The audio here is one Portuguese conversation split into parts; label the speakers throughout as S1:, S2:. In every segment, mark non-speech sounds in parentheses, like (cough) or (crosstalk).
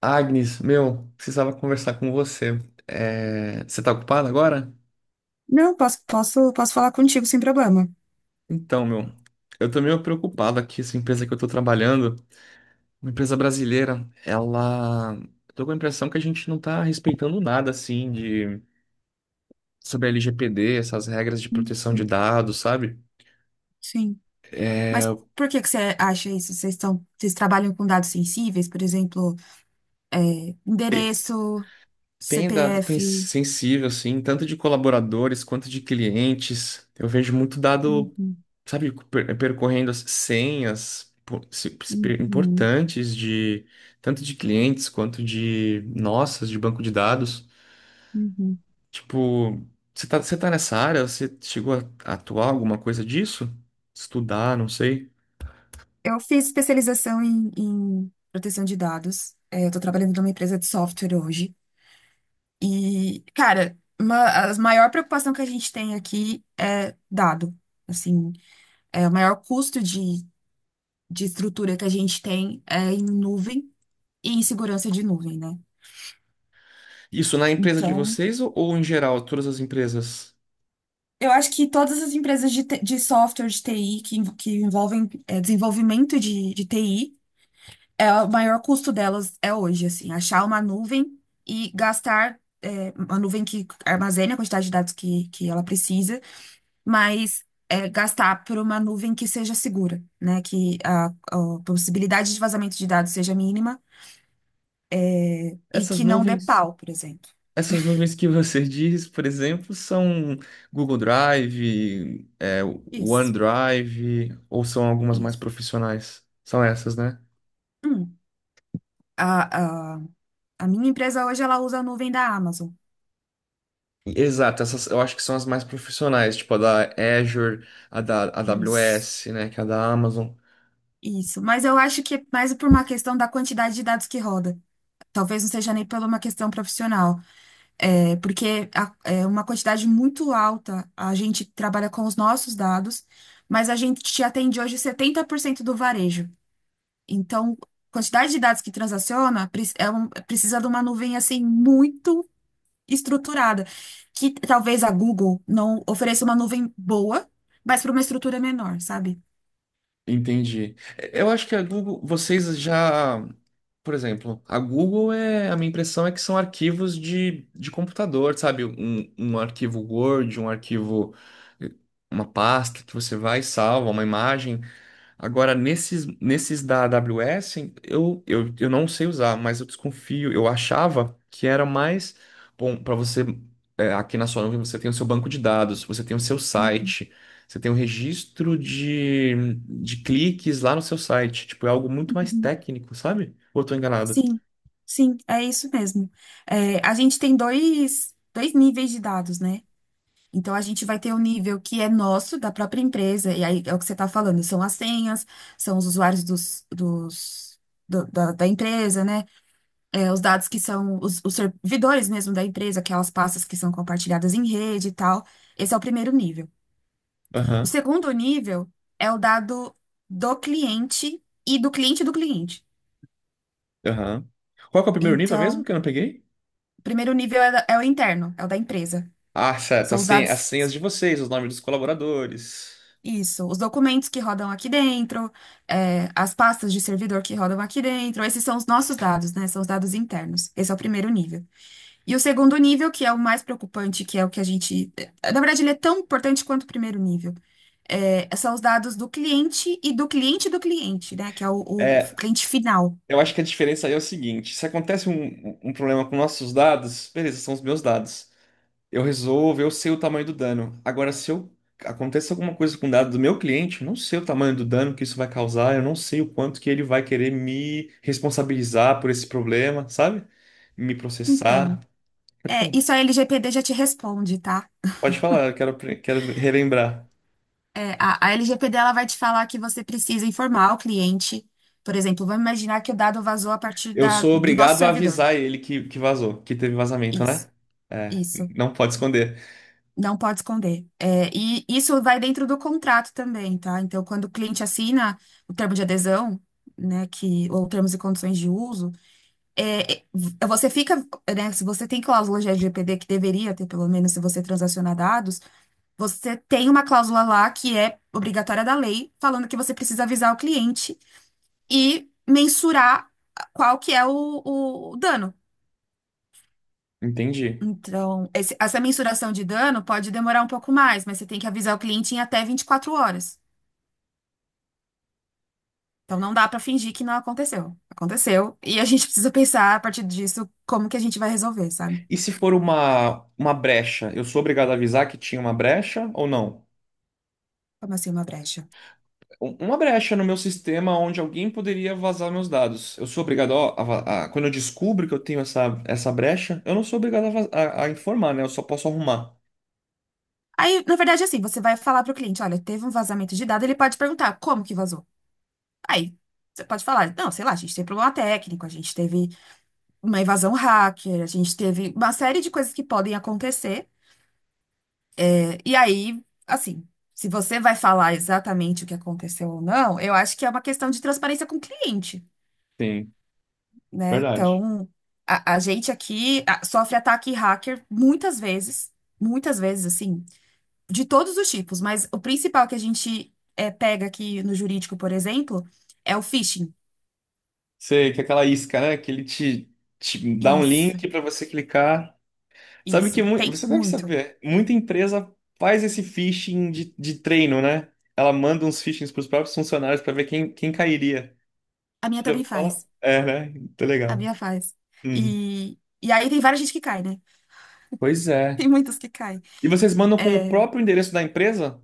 S1: Agnes, meu, precisava conversar com você. Você tá ocupado agora?
S2: Não, posso falar contigo sem problema.
S1: Então, meu, eu tô meio preocupado aqui. Essa empresa que eu tô trabalhando, uma empresa brasileira, ela. Tô com a impressão que a gente não tá respeitando nada, assim, de. Sobre a LGPD, essas regras de proteção de
S2: Uhum.
S1: dados, sabe?
S2: Sim. Mas por que que você acha isso? Vocês trabalham com dados sensíveis, por exemplo, é,
S1: E
S2: endereço,
S1: Tem
S2: CPF.
S1: sensível, assim, tanto de colaboradores quanto de clientes. Eu vejo muito dado
S2: Uhum,
S1: sabe, percorrendo as senhas
S2: uhum,
S1: importantes de tanto de clientes quanto de nossas de banco de dados.
S2: uhum.
S1: Tipo, você tá nessa área? Você chegou a atuar alguma coisa disso? Estudar, não sei.
S2: Eu fiz especialização em proteção de dados. É, eu tô trabalhando numa empresa de software hoje. E, cara, uma, a maior preocupação que a gente tem aqui é dado. Assim, é o maior custo de estrutura que a gente tem é em nuvem e em segurança de nuvem, né?
S1: Isso na empresa de
S2: Então,
S1: vocês ou em geral, todas as empresas?
S2: eu acho que todas as empresas de, de software de TI que, que envolvem desenvolvimento de TI, é, o maior custo delas é hoje, assim, achar uma nuvem e gastar uma nuvem que armazene a quantidade de dados que ela precisa, mas gastar por uma nuvem que seja segura, né? Que a possibilidade de vazamento de dados seja mínima, e
S1: Essas
S2: que não dê
S1: nuvens,
S2: pau, por exemplo.
S1: essas nuvens que você (laughs) diz, por exemplo, são Google Drive,
S2: Isso.
S1: OneDrive, ou são algumas mais
S2: Isso.
S1: profissionais? São essas, né?
S2: Hum, a, a, a minha empresa hoje ela usa a nuvem da Amazon.
S1: Exato, essas eu acho que são as mais profissionais, tipo a da Azure, a
S2: Isso.
S1: AWS, né, que é a da Amazon.
S2: Isso. Mas eu acho que é mais por uma questão da quantidade de dados que roda. Talvez não seja nem por uma questão profissional. É, porque é uma quantidade muito alta. A gente trabalha com os nossos dados, mas a gente atende hoje 70% do varejo. Então, quantidade de dados que transaciona precisa de uma nuvem assim muito estruturada, que talvez a Google não ofereça uma nuvem boa, mas para uma estrutura menor, sabe?
S1: Entendi. Eu acho que a Google, vocês já, por exemplo, a Google é, a minha impressão é que são arquivos de computador, sabe? Um arquivo Word, um arquivo, eh, uma pasta que você vai e salva, uma imagem. Agora, nesses da AWS, eu não sei usar, mas eu desconfio. Eu achava que era mais bom para você. É, aqui na sua nuvem você tem o seu banco de dados, você tem o seu site, você tem o registro de cliques lá no seu site. Tipo, é algo muito mais
S2: Uhum.
S1: técnico, sabe? Ou eu tô enganado?
S2: Sim, sim, é isso mesmo. É, a gente tem dois níveis de dados, né? Então, a gente vai ter o nível que é nosso, da própria empresa, e aí é o que você está falando, são as senhas, são os usuários da empresa, né? É, os dados que são os servidores mesmo da empresa, aquelas pastas que são compartilhadas em rede e tal. Esse é o primeiro nível. O
S1: Aham,
S2: segundo nível é o dado do cliente e do cliente do cliente.
S1: aham. Qual que é o primeiro nível mesmo
S2: Então,
S1: que eu não peguei?
S2: o primeiro nível é, é o interno, é o da empresa.
S1: Ah, certo.
S2: São os
S1: As
S2: dados,
S1: senhas de vocês, os nomes dos colaboradores.
S2: isso, os documentos que rodam aqui dentro, é, as pastas de servidor que rodam aqui dentro. Esses são os nossos dados, né? São os dados internos. Esse é o primeiro nível. E o segundo nível, que é o mais preocupante, que é o que a gente. Na verdade, ele é tão importante quanto o primeiro nível. É, são os dados do cliente e do cliente, né? Que é o
S1: É,
S2: cliente final.
S1: eu acho que a diferença aí é o seguinte: se acontece um problema com nossos dados, beleza, são os meus dados. Eu resolvo, eu sei o tamanho do dano. Agora, se eu acontece alguma coisa com o dado do meu cliente, eu não sei o tamanho do dano que isso vai causar, eu não sei o quanto que ele vai querer me responsabilizar por esse problema, sabe? Me
S2: Então,
S1: processar. Pode
S2: é,
S1: falar,
S2: isso a LGPD já te responde, tá?
S1: pode falar, eu quero, quero relembrar.
S2: É, a LGPD ela vai te falar que você precisa informar o cliente. Por exemplo, vamos imaginar que o dado vazou a partir
S1: Eu sou
S2: do nosso
S1: obrigado a
S2: servidor.
S1: avisar ele que vazou, que teve vazamento,
S2: Isso,
S1: né? É,
S2: isso.
S1: não pode esconder.
S2: Não pode esconder. É, e isso vai dentro do contrato também, tá? Então, quando o cliente assina o termo de adesão, né, que, ou termos e condições de uso, você fica, né, se você tem cláusula de LGPD, que deveria ter, pelo menos, se você transacionar dados. Você tem uma cláusula lá que é obrigatória da lei, falando que você precisa avisar o cliente e mensurar qual que o dano.
S1: Entendi.
S2: Então, essa mensuração de dano pode demorar um pouco mais, mas você tem que avisar o cliente em até 24 horas. Então, não dá para fingir que não aconteceu. Aconteceu. E a gente (laughs) precisa pensar, a partir disso, como que a gente vai resolver, sabe?
S1: E se for uma brecha, eu sou obrigado a avisar que tinha uma brecha ou não?
S2: Como assim uma brecha?
S1: Uma brecha no meu sistema onde alguém poderia vazar meus dados. Eu sou obrigado ó, a, va- a- quando eu descubro que eu tenho essa, essa brecha, eu não sou obrigado a informar, né? Eu só posso arrumar.
S2: Aí, na verdade, é assim, você vai falar para o cliente, olha, teve um vazamento de dado, ele pode perguntar como que vazou? Aí, você pode falar, não, sei lá, a gente teve problema técnico, a gente teve uma invasão hacker, a gente teve uma série de coisas que podem acontecer. E aí, assim, se você vai falar exatamente o que aconteceu ou não, eu acho que é uma questão de transparência com o cliente,
S1: Sim,
S2: né?
S1: verdade.
S2: Então, a gente aqui sofre ataque hacker muitas vezes, assim, de todos os tipos, mas o principal que a gente pega aqui no jurídico, por exemplo, é o phishing.
S1: Sei que é aquela isca, né? Que ele te dá um
S2: Isso,
S1: link para você clicar. Sabe
S2: isso.
S1: que
S2: Tem
S1: você deve
S2: muito.
S1: saber, muita empresa faz esse phishing de treino, né? Ela manda uns phishings para os próprios funcionários para ver quem, quem cairia.
S2: A minha
S1: Você já
S2: também
S1: ouviu falar?
S2: faz.
S1: É, né? Muito
S2: A
S1: legal.
S2: minha faz.
S1: Hum.
S2: E aí tem várias gente que cai, né?
S1: Pois
S2: (laughs)
S1: é.
S2: Tem muitos que caem.
S1: E vocês mandam com o próprio endereço da empresa?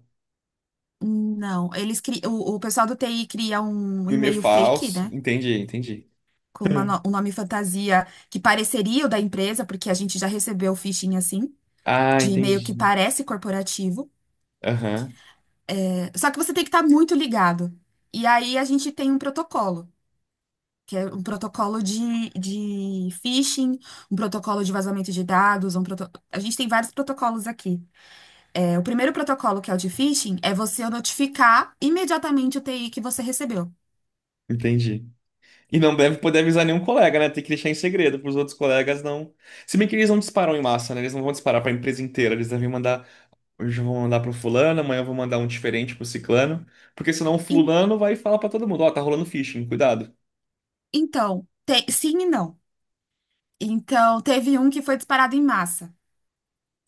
S2: Não, eles cri... o pessoal do TI cria um
S1: Um e-mail
S2: e-mail fake,
S1: falso.
S2: né?
S1: Entendi, entendi.
S2: Com uma no-
S1: (laughs)
S2: um nome fantasia que pareceria o da empresa, porque a gente já recebeu phishing assim,
S1: Ah,
S2: de e-mail que
S1: entendi.
S2: parece corporativo.
S1: Aham,
S2: Só que você tem que estar muito ligado. E aí a gente tem um protocolo, que é um protocolo de phishing, um protocolo de vazamento de dados, um proto... a gente tem vários protocolos aqui. É, o primeiro protocolo, que é o de phishing, é você notificar imediatamente o TI que você recebeu.
S1: entendi. E não deve poder avisar nenhum colega, né? Tem que deixar em segredo para os outros colegas não. Se bem que eles não disparam em massa, né? Eles não vão disparar para a empresa inteira. Eles devem mandar. Hoje eu vou mandar para o fulano, amanhã eu vou mandar um diferente para o ciclano. Porque senão o
S2: Em-
S1: fulano vai falar para todo mundo: Ó, tá rolando phishing, cuidado.
S2: Então, sim e não. Então, teve um que foi disparado em massa.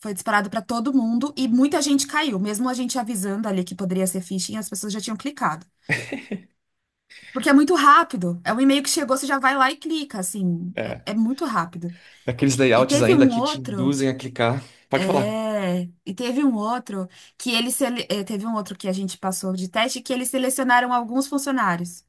S2: Foi disparado para todo mundo e muita gente caiu. Mesmo a gente avisando ali que poderia ser phishing, as pessoas já tinham clicado. Porque é muito rápido. É um e-mail que chegou, você já vai lá e clica, assim. É
S1: É.
S2: muito rápido.
S1: Aqueles
S2: E
S1: layouts
S2: teve
S1: ainda
S2: um
S1: que te
S2: outro.
S1: induzem a clicar. Pode falar.
S2: E teve um outro que teve um outro que a gente passou de teste que eles selecionaram alguns funcionários.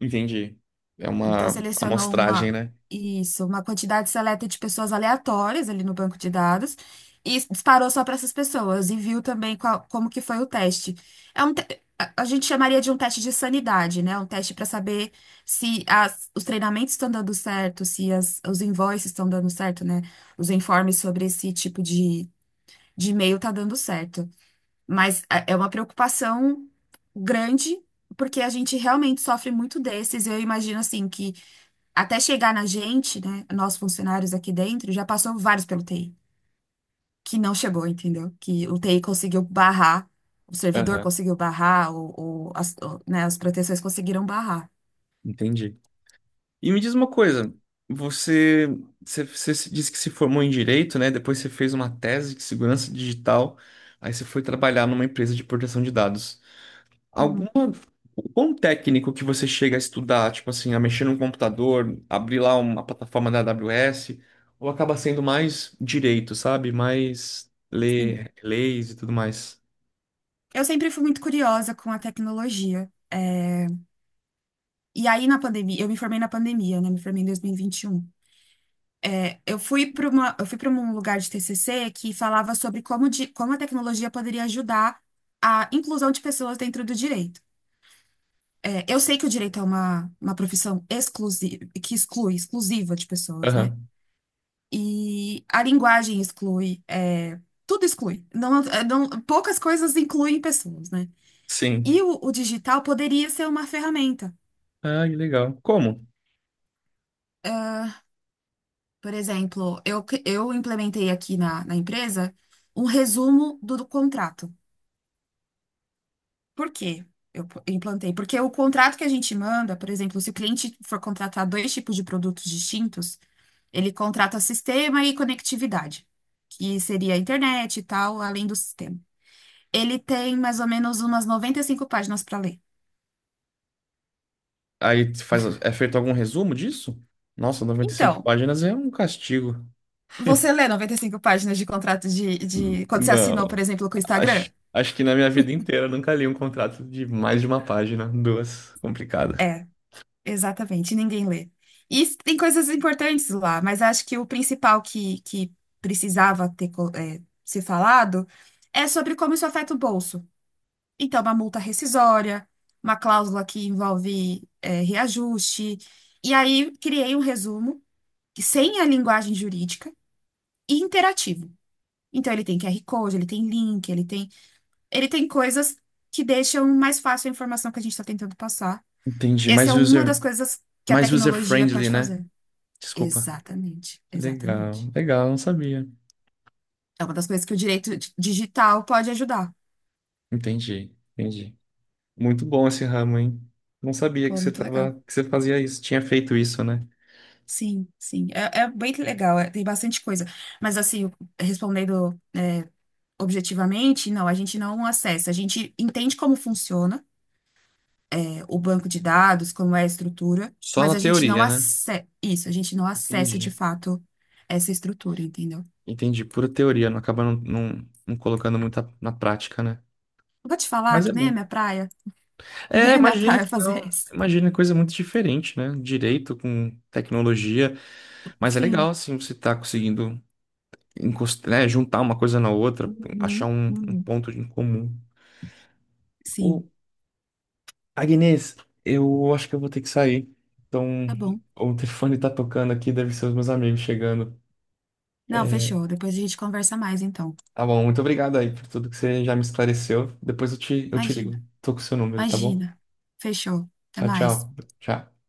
S1: Entendi. É
S2: Então,
S1: uma
S2: selecionou
S1: amostragem,
S2: uma,
S1: né?
S2: isso, uma quantidade seleta de pessoas aleatórias ali no banco de dados e disparou só para essas pessoas e viu também como que foi o teste. É um te- a gente chamaria de um teste de sanidade, né? Um teste para saber se os treinamentos estão dando certo, se os invoices estão dando certo, né? Os informes sobre esse tipo de e-mail tá dando certo. Mas é uma preocupação grande, porque a gente realmente sofre muito desses. Eu imagino assim que até chegar na gente, né, nós funcionários aqui dentro, já passou vários pelo TI, que não chegou, entendeu? Que o TI conseguiu barrar, o servidor
S1: Aham.
S2: conseguiu barrar, né, as proteções conseguiram barrar.
S1: Entendi. E me diz uma coisa, você, você disse que se formou em direito, né? Depois você fez uma tese de segurança digital, aí você foi trabalhar numa empresa de proteção de dados.
S2: Uhum.
S1: Alguma, quão técnico que você chega a estudar, tipo assim, a mexer num computador, abrir lá uma plataforma da AWS, ou acaba sendo mais direito, sabe? Mais
S2: Sim.
S1: ler leis e tudo mais.
S2: Eu sempre fui muito curiosa com a tecnologia. E aí, na pandemia, eu me formei na pandemia, né? Me formei em 2021. É, eu fui para uma, eu fui para um lugar de TCC que falava sobre como a tecnologia poderia ajudar a inclusão de pessoas dentro do direito. É, eu sei que o direito é uma profissão exclusiva, que exclui, exclusiva de pessoas, né?
S1: Aham.
S2: E a linguagem exclui, tudo exclui. Poucas coisas incluem pessoas, né? E
S1: Sim.
S2: o digital poderia ser uma ferramenta.
S1: Ah, que legal. Como?
S2: Ah, por exemplo, eu implementei aqui na empresa um resumo do contrato. Por quê? Implantei. Porque o contrato que a gente manda, por exemplo, se o cliente for contratar dois tipos de produtos distintos, ele contrata sistema e conectividade, que seria a internet e tal, além do sistema. Ele tem mais ou menos umas 95 páginas para ler.
S1: Aí faz, é feito algum resumo disso? Nossa, 95
S2: Então,
S1: páginas é um castigo.
S2: você lê 95 páginas de contrato Quando você assinou, por
S1: Não,
S2: exemplo, com o Instagram?
S1: acho, acho que na minha vida inteira eu nunca li um contrato de mais de uma página, duas, complicado.
S2: É. Exatamente, ninguém lê. Tem coisas importantes lá, mas acho que o principal que precisava ter ser falado é sobre como isso afeta o bolso. Então, uma multa rescisória, uma cláusula que envolve reajuste. E aí, criei um resumo que sem a linguagem jurídica e interativo. Então, ele tem QR Code, ele tem link, ele tem coisas que deixam mais fácil a informação que a gente está tentando passar.
S1: Entendi,
S2: Essa é uma das coisas que a
S1: mais user
S2: tecnologia
S1: friendly,
S2: pode
S1: né?
S2: fazer.
S1: Desculpa.
S2: Exatamente,
S1: Legal,
S2: exatamente.
S1: legal, não sabia.
S2: É uma das coisas que o direito digital pode ajudar.
S1: Entendi, entendi. Muito bom esse ramo, hein? Não sabia que
S2: Pô,
S1: você
S2: muito legal.
S1: tava, que você fazia isso, tinha feito isso, né?
S2: Sim, sim. É bem legal, tem bastante coisa. Mas, assim, respondendo objetivamente, não, a gente não acessa. A gente entende como funciona, é, o banco de dados, como é a estrutura,
S1: Só
S2: mas
S1: na
S2: a gente não
S1: teoria, né?
S2: acessa. Isso, a gente não acessa de
S1: Entendi.
S2: fato essa estrutura, entendeu?
S1: Entendi, pura teoria, não acaba não, não, não colocando muito na prática, né?
S2: Eu vou te falar
S1: Mas é
S2: que nem é
S1: bom.
S2: minha praia, (laughs)
S1: É,
S2: nem é minha
S1: imagino
S2: praia
S1: que
S2: fazer
S1: não.
S2: isso.
S1: Imagino que é coisa muito diferente, né? Direito com tecnologia. Mas é legal,
S2: Sim.
S1: assim, você tá conseguindo né, juntar uma coisa na outra, achar
S2: Uhum,
S1: um, um
S2: uhum.
S1: ponto em comum. Ô,
S2: Sim.
S1: Agnes, eu acho que eu vou ter que sair. Então,
S2: Tá bom.
S1: o telefone tá tocando aqui, deve ser os meus amigos chegando.
S2: Não,
S1: É,
S2: fechou. Depois a gente conversa mais, então.
S1: tá bom, muito obrigado aí por tudo que você já me esclareceu. Depois eu eu te
S2: Imagina,
S1: ligo. Tô com o seu número, tá bom?
S2: imagina. Fechou. Até
S1: Tchau,
S2: mais.
S1: tchau. Tchau.